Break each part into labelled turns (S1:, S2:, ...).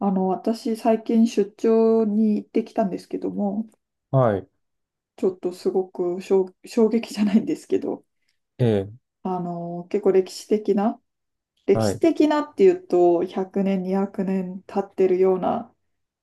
S1: 私、最近出張に行ってきたんですけども、
S2: はい、
S1: ちょっとすごく衝撃じゃないんですけど、
S2: ええ、
S1: 結構歴史的な、歴
S2: は
S1: 史
S2: い、
S1: 的なっていうと、100年、200年経ってるような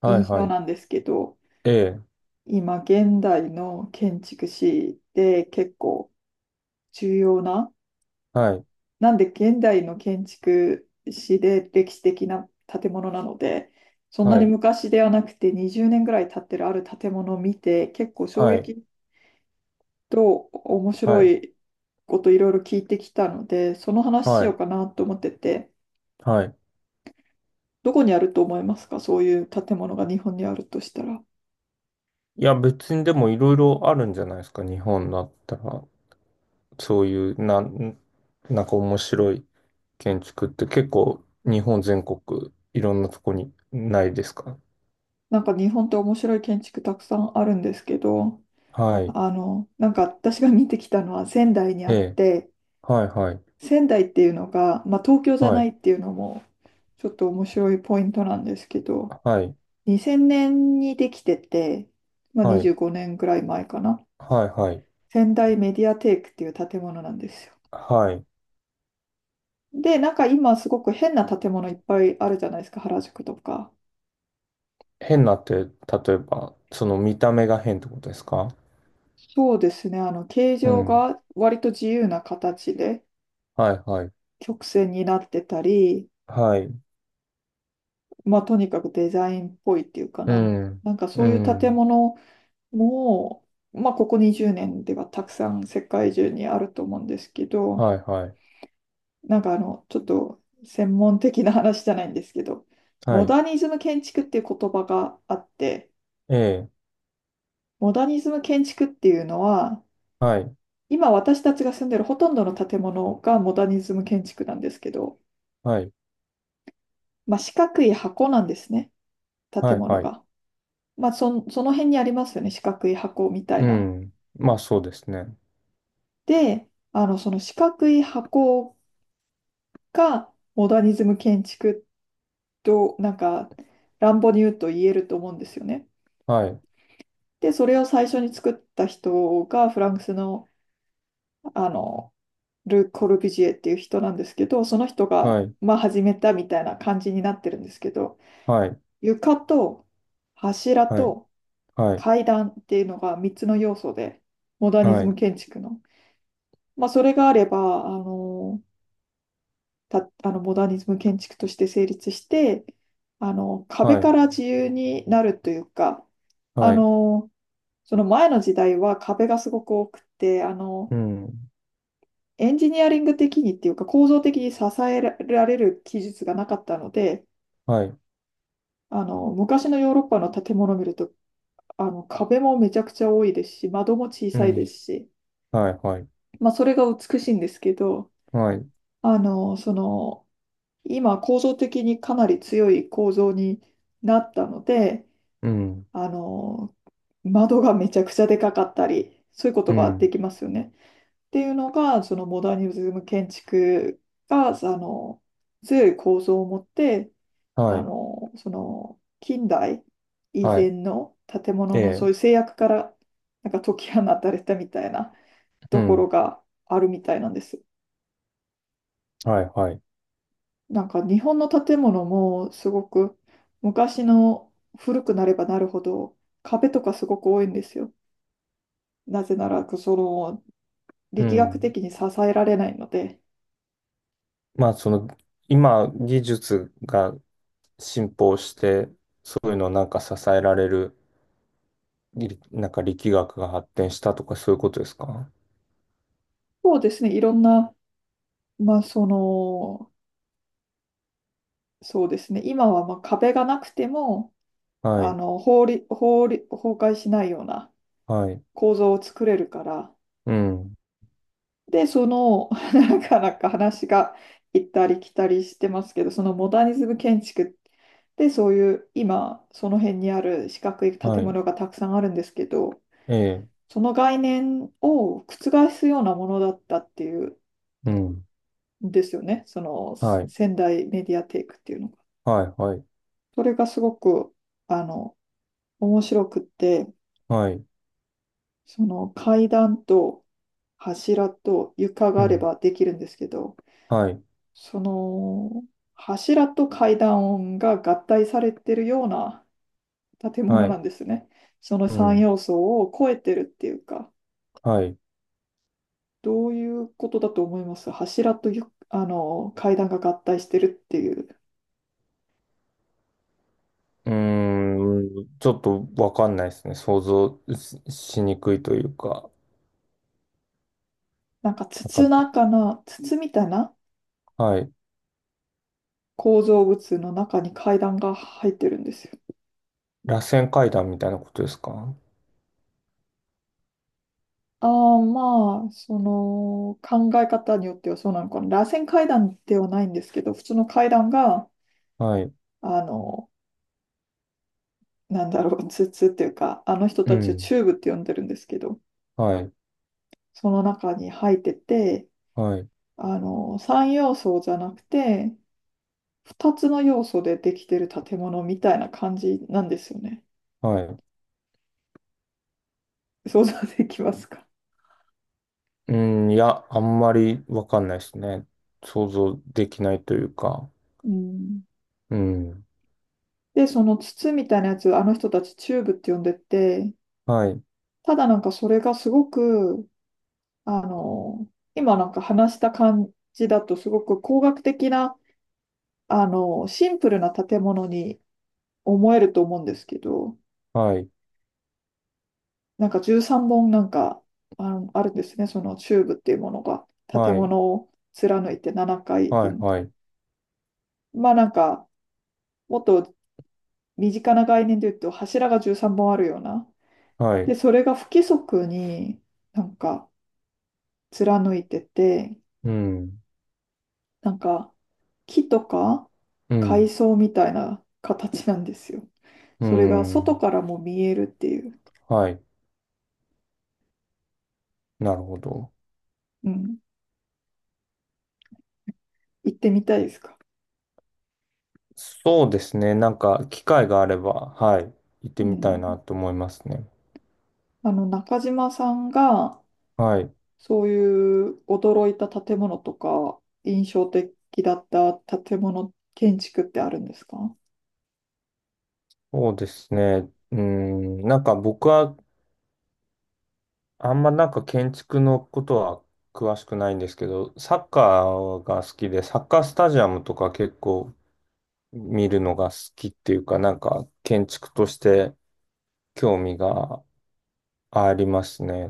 S2: はい、
S1: 印
S2: は
S1: 象
S2: い、
S1: なんですけど、
S2: ええ、
S1: 今、現代の建築士で結構重要な、
S2: はい、
S1: なんで現代の建築士で歴史的な建物なので、そんな
S2: は
S1: に
S2: い、
S1: 昔ではなくて20年ぐらい経ってるある建物を見て結構衝
S2: はい、
S1: 撃と面
S2: は
S1: 白
S2: い、
S1: いこといろいろ聞いてきたので、その話し
S2: は
S1: よう
S2: い、
S1: かなと思ってて、
S2: はい。
S1: どこにあると思いますか？そういう建物が日本にあるとしたら。
S2: いや、別にでもいろいろあるんじゃないですか、日本だったら。そういう、なんか面白い建築って結構日本全国いろんなとこにないですか？
S1: なんか日本って面白い建築たくさんあるんですけど、
S2: はい、
S1: なんか私が見てきたのは仙台に
S2: え
S1: あっ
S2: え、
S1: て、
S2: はい、はい、
S1: 仙台っていうのが、まあ、東京じゃ
S2: は
S1: ない
S2: い、
S1: っていうのもちょっと面白いポイントなんですけど、
S2: はい、
S1: 2000年にできてて、まあ、
S2: はい、
S1: 25年ぐらい前かな。
S2: はい、はい、
S1: 仙台メディアテークっていう建物なんですよ。
S2: はい。
S1: で、なんか今すごく変な建物いっぱいあるじゃないですか、原宿とか。
S2: 変なって、例えば、その見た目が変ってことですか？
S1: そうですね、形
S2: う
S1: 状
S2: ん、
S1: が割と自由な形で
S2: はい、はい。
S1: 曲線になってたり、
S2: はい。
S1: まあ、とにかくデザインっぽいっていうか
S2: うん、
S1: なんかそ
S2: う
S1: ういう建
S2: ん、
S1: 物も、まあ、ここ20年ではたくさん世界中にあると思うんですけど、
S2: はい、はい、
S1: なんかちょっと専門的な話じゃないんですけど、
S2: は
S1: モ
S2: い、
S1: ダニズム建築っていう言葉があって、
S2: ええ、
S1: モダニズム建築っていうのは、
S2: はい、
S1: 今私たちが住んでるほとんどの建物がモダニズム建築なんですけど、
S2: はい、
S1: まあ、四角い箱なんですね、
S2: は
S1: 建
S2: い、
S1: 物
S2: はい、
S1: が。まあ、その辺にありますよね、四角い箱みたい
S2: う
S1: な。
S2: ん、まあそうですね。
S1: で、その四角い箱がモダニズム建築と、なんか、乱暴に言うと言えると思うんですよね。
S2: はい、
S1: で、それを最初に作った人がフランスの、あの、ル・コルビュジエっていう人なんですけど、その人
S2: は
S1: が、
S2: い、
S1: まあ、始めたみたいな感じになってるんですけど、
S2: はい、
S1: 床と柱
S2: はい、
S1: と
S2: はい、
S1: 階段っていうのが3つの要素で、モダニ
S2: は
S1: ズ
S2: い、
S1: ム建築の。まあ、それがあれば、あの、た、あの、モダニズム建築として成立して、壁
S2: は
S1: か
S2: い、
S1: ら自由になるというか、あ
S2: はい、
S1: の、その前の時代は壁がすごく多くて、
S2: うん、
S1: エンジニアリング的にっていうか構造的に支えられる技術がなかったので、
S2: はい、
S1: 昔のヨーロッパの建物を見ると壁もめちゃくちゃ多いですし、窓も小
S2: う
S1: さいで
S2: ん、
S1: すし、
S2: はい、はい、
S1: まあ、それが美しいんですけど、
S2: はい、
S1: あの、その、今、構造的にかなり強い構造になったので、
S2: うん、
S1: あの、窓がめちゃくちゃでかかったり、そういうこと
S2: う
S1: がで
S2: ん、
S1: きますよね。っていうのが、そのモダニズム建築が、強い構造を持って、
S2: はい、
S1: 近代以
S2: は
S1: 前
S2: い、
S1: の建物
S2: え
S1: の
S2: え、
S1: そういう制約からなんか解き放たれたみたいな
S2: う
S1: ところ
S2: ん、
S1: があるみたいなんです。
S2: はい、はい、
S1: なんか日本の建物もすごく昔の古くなればなるほど壁とかすごく多いんですよ。なぜならその
S2: う
S1: 力学
S2: ん。
S1: 的に支えられないので。
S2: まあその、今、技術が進歩して、そういうのをなんか支えられるりなんか力学が発展したとかそういうことですか？
S1: そうですね、いろんな、まあその、そうですね、今はまあ壁がなくても
S2: は
S1: あ
S2: い、
S1: の法律、法律、崩壊しないような
S2: はい、
S1: 構造を作れるから。
S2: うん、
S1: で、その、なかなか話が行ったり来たりしてますけど、そのモダニズム建築で、そういう今、その辺にある四角い
S2: は
S1: 建
S2: い、
S1: 物がたくさんあるんですけど、
S2: ええ、
S1: その概念を覆すようなものだったっていう
S2: うん、
S1: んですよね、その
S2: はい、
S1: 仙台メディアテイクっていうのが。
S2: はい、はい、
S1: それがすごく、あの、面白くって、
S2: はい、
S1: その階段と柱と床
S2: う
S1: があれ
S2: ん、
S1: ばできるんですけど、
S2: はい、
S1: その柱と階段音が合体されてるような建
S2: は
S1: 物な
S2: い、
S1: んですね。その
S2: う
S1: 3
S2: ん、
S1: 要素を超えてるっていうか、
S2: はい。
S1: どういうことだと思います？柱とあの階段が合体してるっていう、
S2: うーん、ちょっとわかんないですね。想像ししにくいというか、
S1: なんか筒
S2: なん
S1: 中
S2: か、
S1: な、筒みたいな
S2: はい、
S1: 構造物の中に階段が入ってるんですよ。
S2: 螺旋階段みたいなことですか？
S1: ああ、まあ、その考え方によってはそうなのかな。螺旋階段ではないんですけど、普通の階段が、
S2: はい、
S1: あのツツっていうか、あの人
S2: う
S1: たちを
S2: ん、
S1: チューブって呼んでるんですけど、
S2: はい、
S1: その中に入ってて、
S2: はい、
S1: 3要素じゃなくて、2つの要素でできてる建物みたいな感じなんですよね。
S2: はい。
S1: 想像できますか？
S2: うん、いや、あんまりわかんないですね。想像できないというか、
S1: うん。
S2: うん。
S1: で、その筒みたいなやつ、あの人たちチューブって呼んでて、
S2: はい、
S1: ただなんかそれがすごく、あの、今なんか話した感じだとすごく工学的な、シンプルな建物に思えると思うんですけど、
S2: はい、
S1: なんか13本あるんですね、そのチューブっていうものが、建
S2: はい、
S1: 物を貫いて7回
S2: はい、
S1: 分。
S2: はい、
S1: まあなんか、もっと身近な概念で言うと、柱が13本あるような。
S2: はい、
S1: で、それが不規則になんか貫いてて、
S2: うん、
S1: なんか木とか
S2: う
S1: 海
S2: ん、
S1: 藻みたいな形なんですよ。
S2: う
S1: それが外
S2: ん、
S1: からも見えるっていう。
S2: はい、なるほど。
S1: うん。行ってみたいですか？
S2: そうですね。なんか、機会があれば、はい、行っ
S1: う
S2: てみたい
S1: ん。
S2: なと思いますね。
S1: 中島さんが、
S2: はい、
S1: そういう驚いた建物とか、印象的だった建物、建築ってあるんですか？
S2: そうですね。うん、なんか僕は、あんまなんか建築のことは詳しくないんですけど、サッカーが好きで、サッカースタジアムとか結構見るのが好きっていうか、なんか建築として興味がありますね。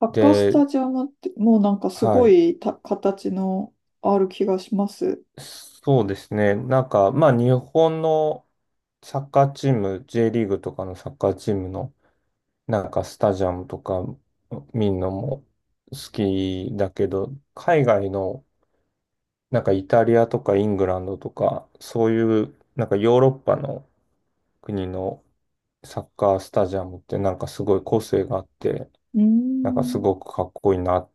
S1: サッカース
S2: で、
S1: タジアムって、もうなんかす
S2: は
S1: ご
S2: い。
S1: いた形のある気がします。
S2: そうですね。なんか、まあ、日本のサッカーチーム、J リーグとかのサッカーチームの、なんか、スタジアムとか見るのも好きだけど、海外の、なんか、イタリアとかイングランドとか、そういう、なんか、ヨーロッパの国のサッカースタジアムって、なんか、すごい個性があって、
S1: うー
S2: なんか、す
S1: ん。
S2: ごくかっこいいな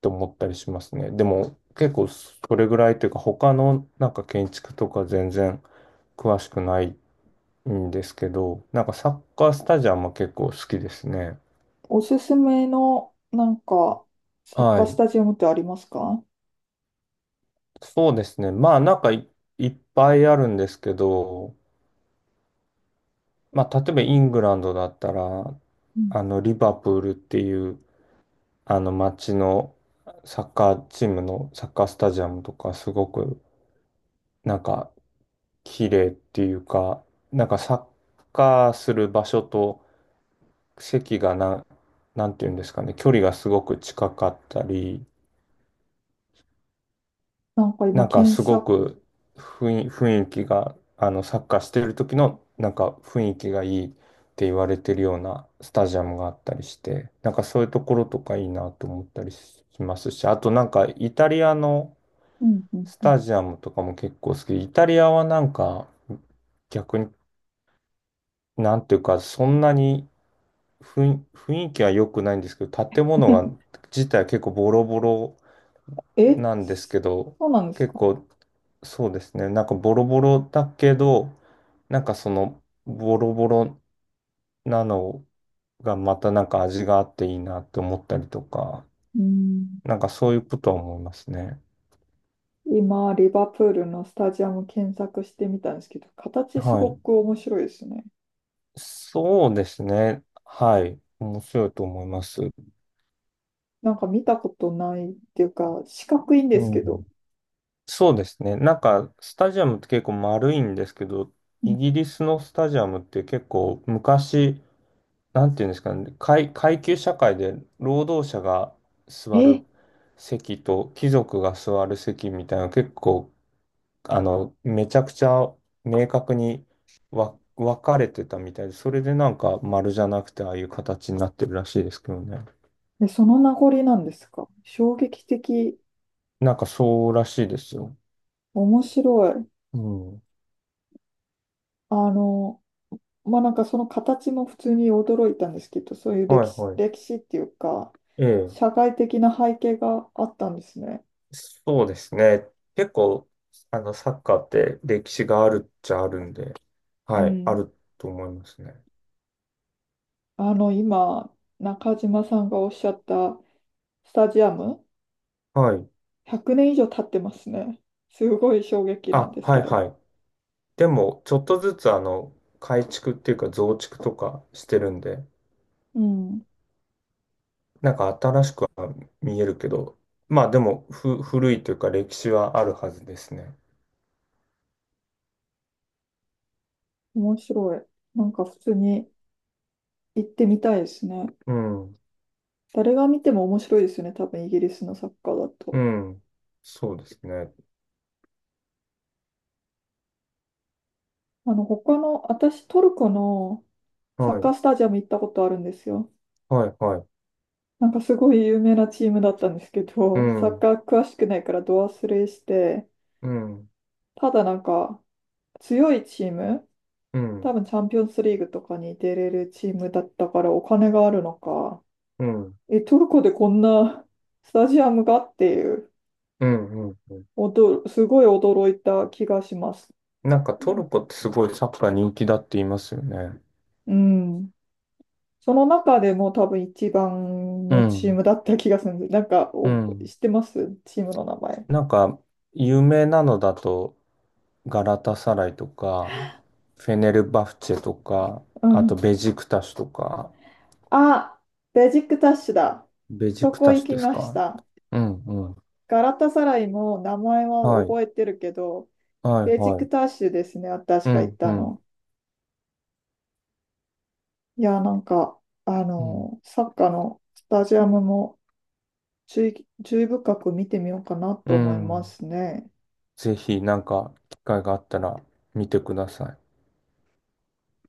S2: と思ったりしますね。でも結構それぐらいというか他のなんか建築とか全然詳しくないんですけど、なんかサッカースタジアムは結構好きですね。
S1: おすすめの、なんか、サッカ
S2: は
S1: ース
S2: い。
S1: タジアムってありますか？
S2: そうですね。まあなんかいっぱいあるんですけど、まあ例えばイングランドだったら、
S1: うん。
S2: あのリバプールっていうあの街のサッカーチームのサッカースタジアムとかすごくなんか綺麗っていうか、なんかサッカーする場所と席がなんていうんですかね、距離がすごく近かったり、
S1: なんか
S2: な
S1: 今、
S2: んか
S1: 検
S2: すご
S1: 索、
S2: く雰囲気が、サッカーしてる時のなんか雰囲気がいいって言われてるようなスタジアムがあったりして、なんかそういうところとかいいなと思ったりしますし、あとなんかイタリアの
S1: うんうん
S2: ス
S1: うん。
S2: タジアムとかも結構好きで。イタリアはなんか逆に、なんていうか、そんなに雰囲気は良くないんですけど、建物が自体結構ボロボロ
S1: え、
S2: なんですけど、
S1: そうなんです
S2: 結
S1: か？
S2: 構そうですね、なんかボロボロだけど、なんかそのボロボロなのがまたなんか味があっていいなって思ったりとか、
S1: うーん。
S2: なんかそういうことは思いますね。
S1: 今、リバプールのスタジアム検索してみたんですけど、形す
S2: は
S1: ご
S2: い。
S1: く面白いですね。
S2: そうですね。はい。面白いと思います。
S1: なんか見たことないっていうか、四角いんです
S2: う
S1: け
S2: ん。
S1: ど。
S2: そうですね。なんか、スタジアムって結構丸いんですけど、
S1: う
S2: イ
S1: ん。
S2: ギリスのスタジアムって結構昔、なんていうんですかね、階級社会で労働者が座る
S1: え、
S2: 席と貴族が座る席みたいな結構、めちゃくちゃ明確に分かれてたみたいで、それでなんか丸じゃなくてああいう形になってるらしいですけどね。
S1: でその名残なんですか？衝撃的、
S2: なんかそうらしいですよ。
S1: 面白い。
S2: うん。
S1: あの、まあ、なんかその形も普通に驚いたんですけど、そういう
S2: はい
S1: 歴史、
S2: はい。
S1: 歴史っていうか、
S2: ええ。
S1: 社会的な背景があったんですね。
S2: そうですね。結構、サッカーって歴史があるっちゃあるんで、
S1: う
S2: はい、あ
S1: ん。
S2: ると思いますね。
S1: 今、中島さんがおっしゃったスタジアム
S2: はい。
S1: 100年以上経ってますね。すごい衝撃なん
S2: あ、
S1: です
S2: は
S1: け
S2: い
S1: ど。
S2: はい。でも、ちょっとずつ、改築っていうか増築とかしてるんで、
S1: うん。
S2: なんか新しくは見えるけど、まあでも、古いというか歴史はあるはずですね。
S1: 面白い。なんか普通に行ってみたいですね。
S2: うん、
S1: 誰が見ても面白いですよね。多分イギリスのサッカーだ
S2: う
S1: と。
S2: ん。そうですね。
S1: 他の、私トルコのサ
S2: は
S1: ッカー
S2: い、
S1: スタジアム行ったことあるんですよ。
S2: はい、はい。
S1: なんかすごい有名なチームだったんですけ
S2: う
S1: ど、サッ
S2: ん、
S1: カー詳しくないからド忘れして、
S2: うん、
S1: ただなんか強いチーム、
S2: う
S1: 多
S2: ん、
S1: 分チャンピオンズリーグとかに出れるチームだったからお金があるのか、
S2: うん、
S1: え、トルコでこんなスタジアムがっていう、
S2: うん、うん。
S1: おど、すごい驚いた気がします。
S2: なんか
S1: う
S2: ト
S1: ん。
S2: ルコってすごいサッカー人気だって言いますよね。
S1: うん。その中でも多分一番
S2: う
S1: のチー
S2: ん。
S1: ムだった気がするんです。なんか、
S2: う
S1: お、
S2: ん。
S1: 知ってますチームの名前。
S2: なんか、有名なのだと、ガラタサライとか、フェネルバフチェとか、
S1: う
S2: あと
S1: ん。
S2: ベジクタシとか、
S1: あ、ベジックタッシュだ。
S2: ベジ
S1: そ
S2: ク
S1: こ
S2: タ
S1: 行
S2: シ
S1: き
S2: です
S1: まし
S2: か？
S1: た。
S2: うんうん。
S1: ガラタサライも名前は
S2: はい。
S1: 覚えてるけど、
S2: はい
S1: ベジッ
S2: は
S1: ク
S2: い。
S1: タッシュですね、私
S2: う
S1: が行っ
S2: んう
S1: た
S2: ん。
S1: の。いや、なんか、
S2: うん。
S1: サッカーのスタジアムも、注意深く見てみようかな
S2: う
S1: と思いま
S2: ん。
S1: すね。
S2: ぜひ、なんか、機会があったら見てください。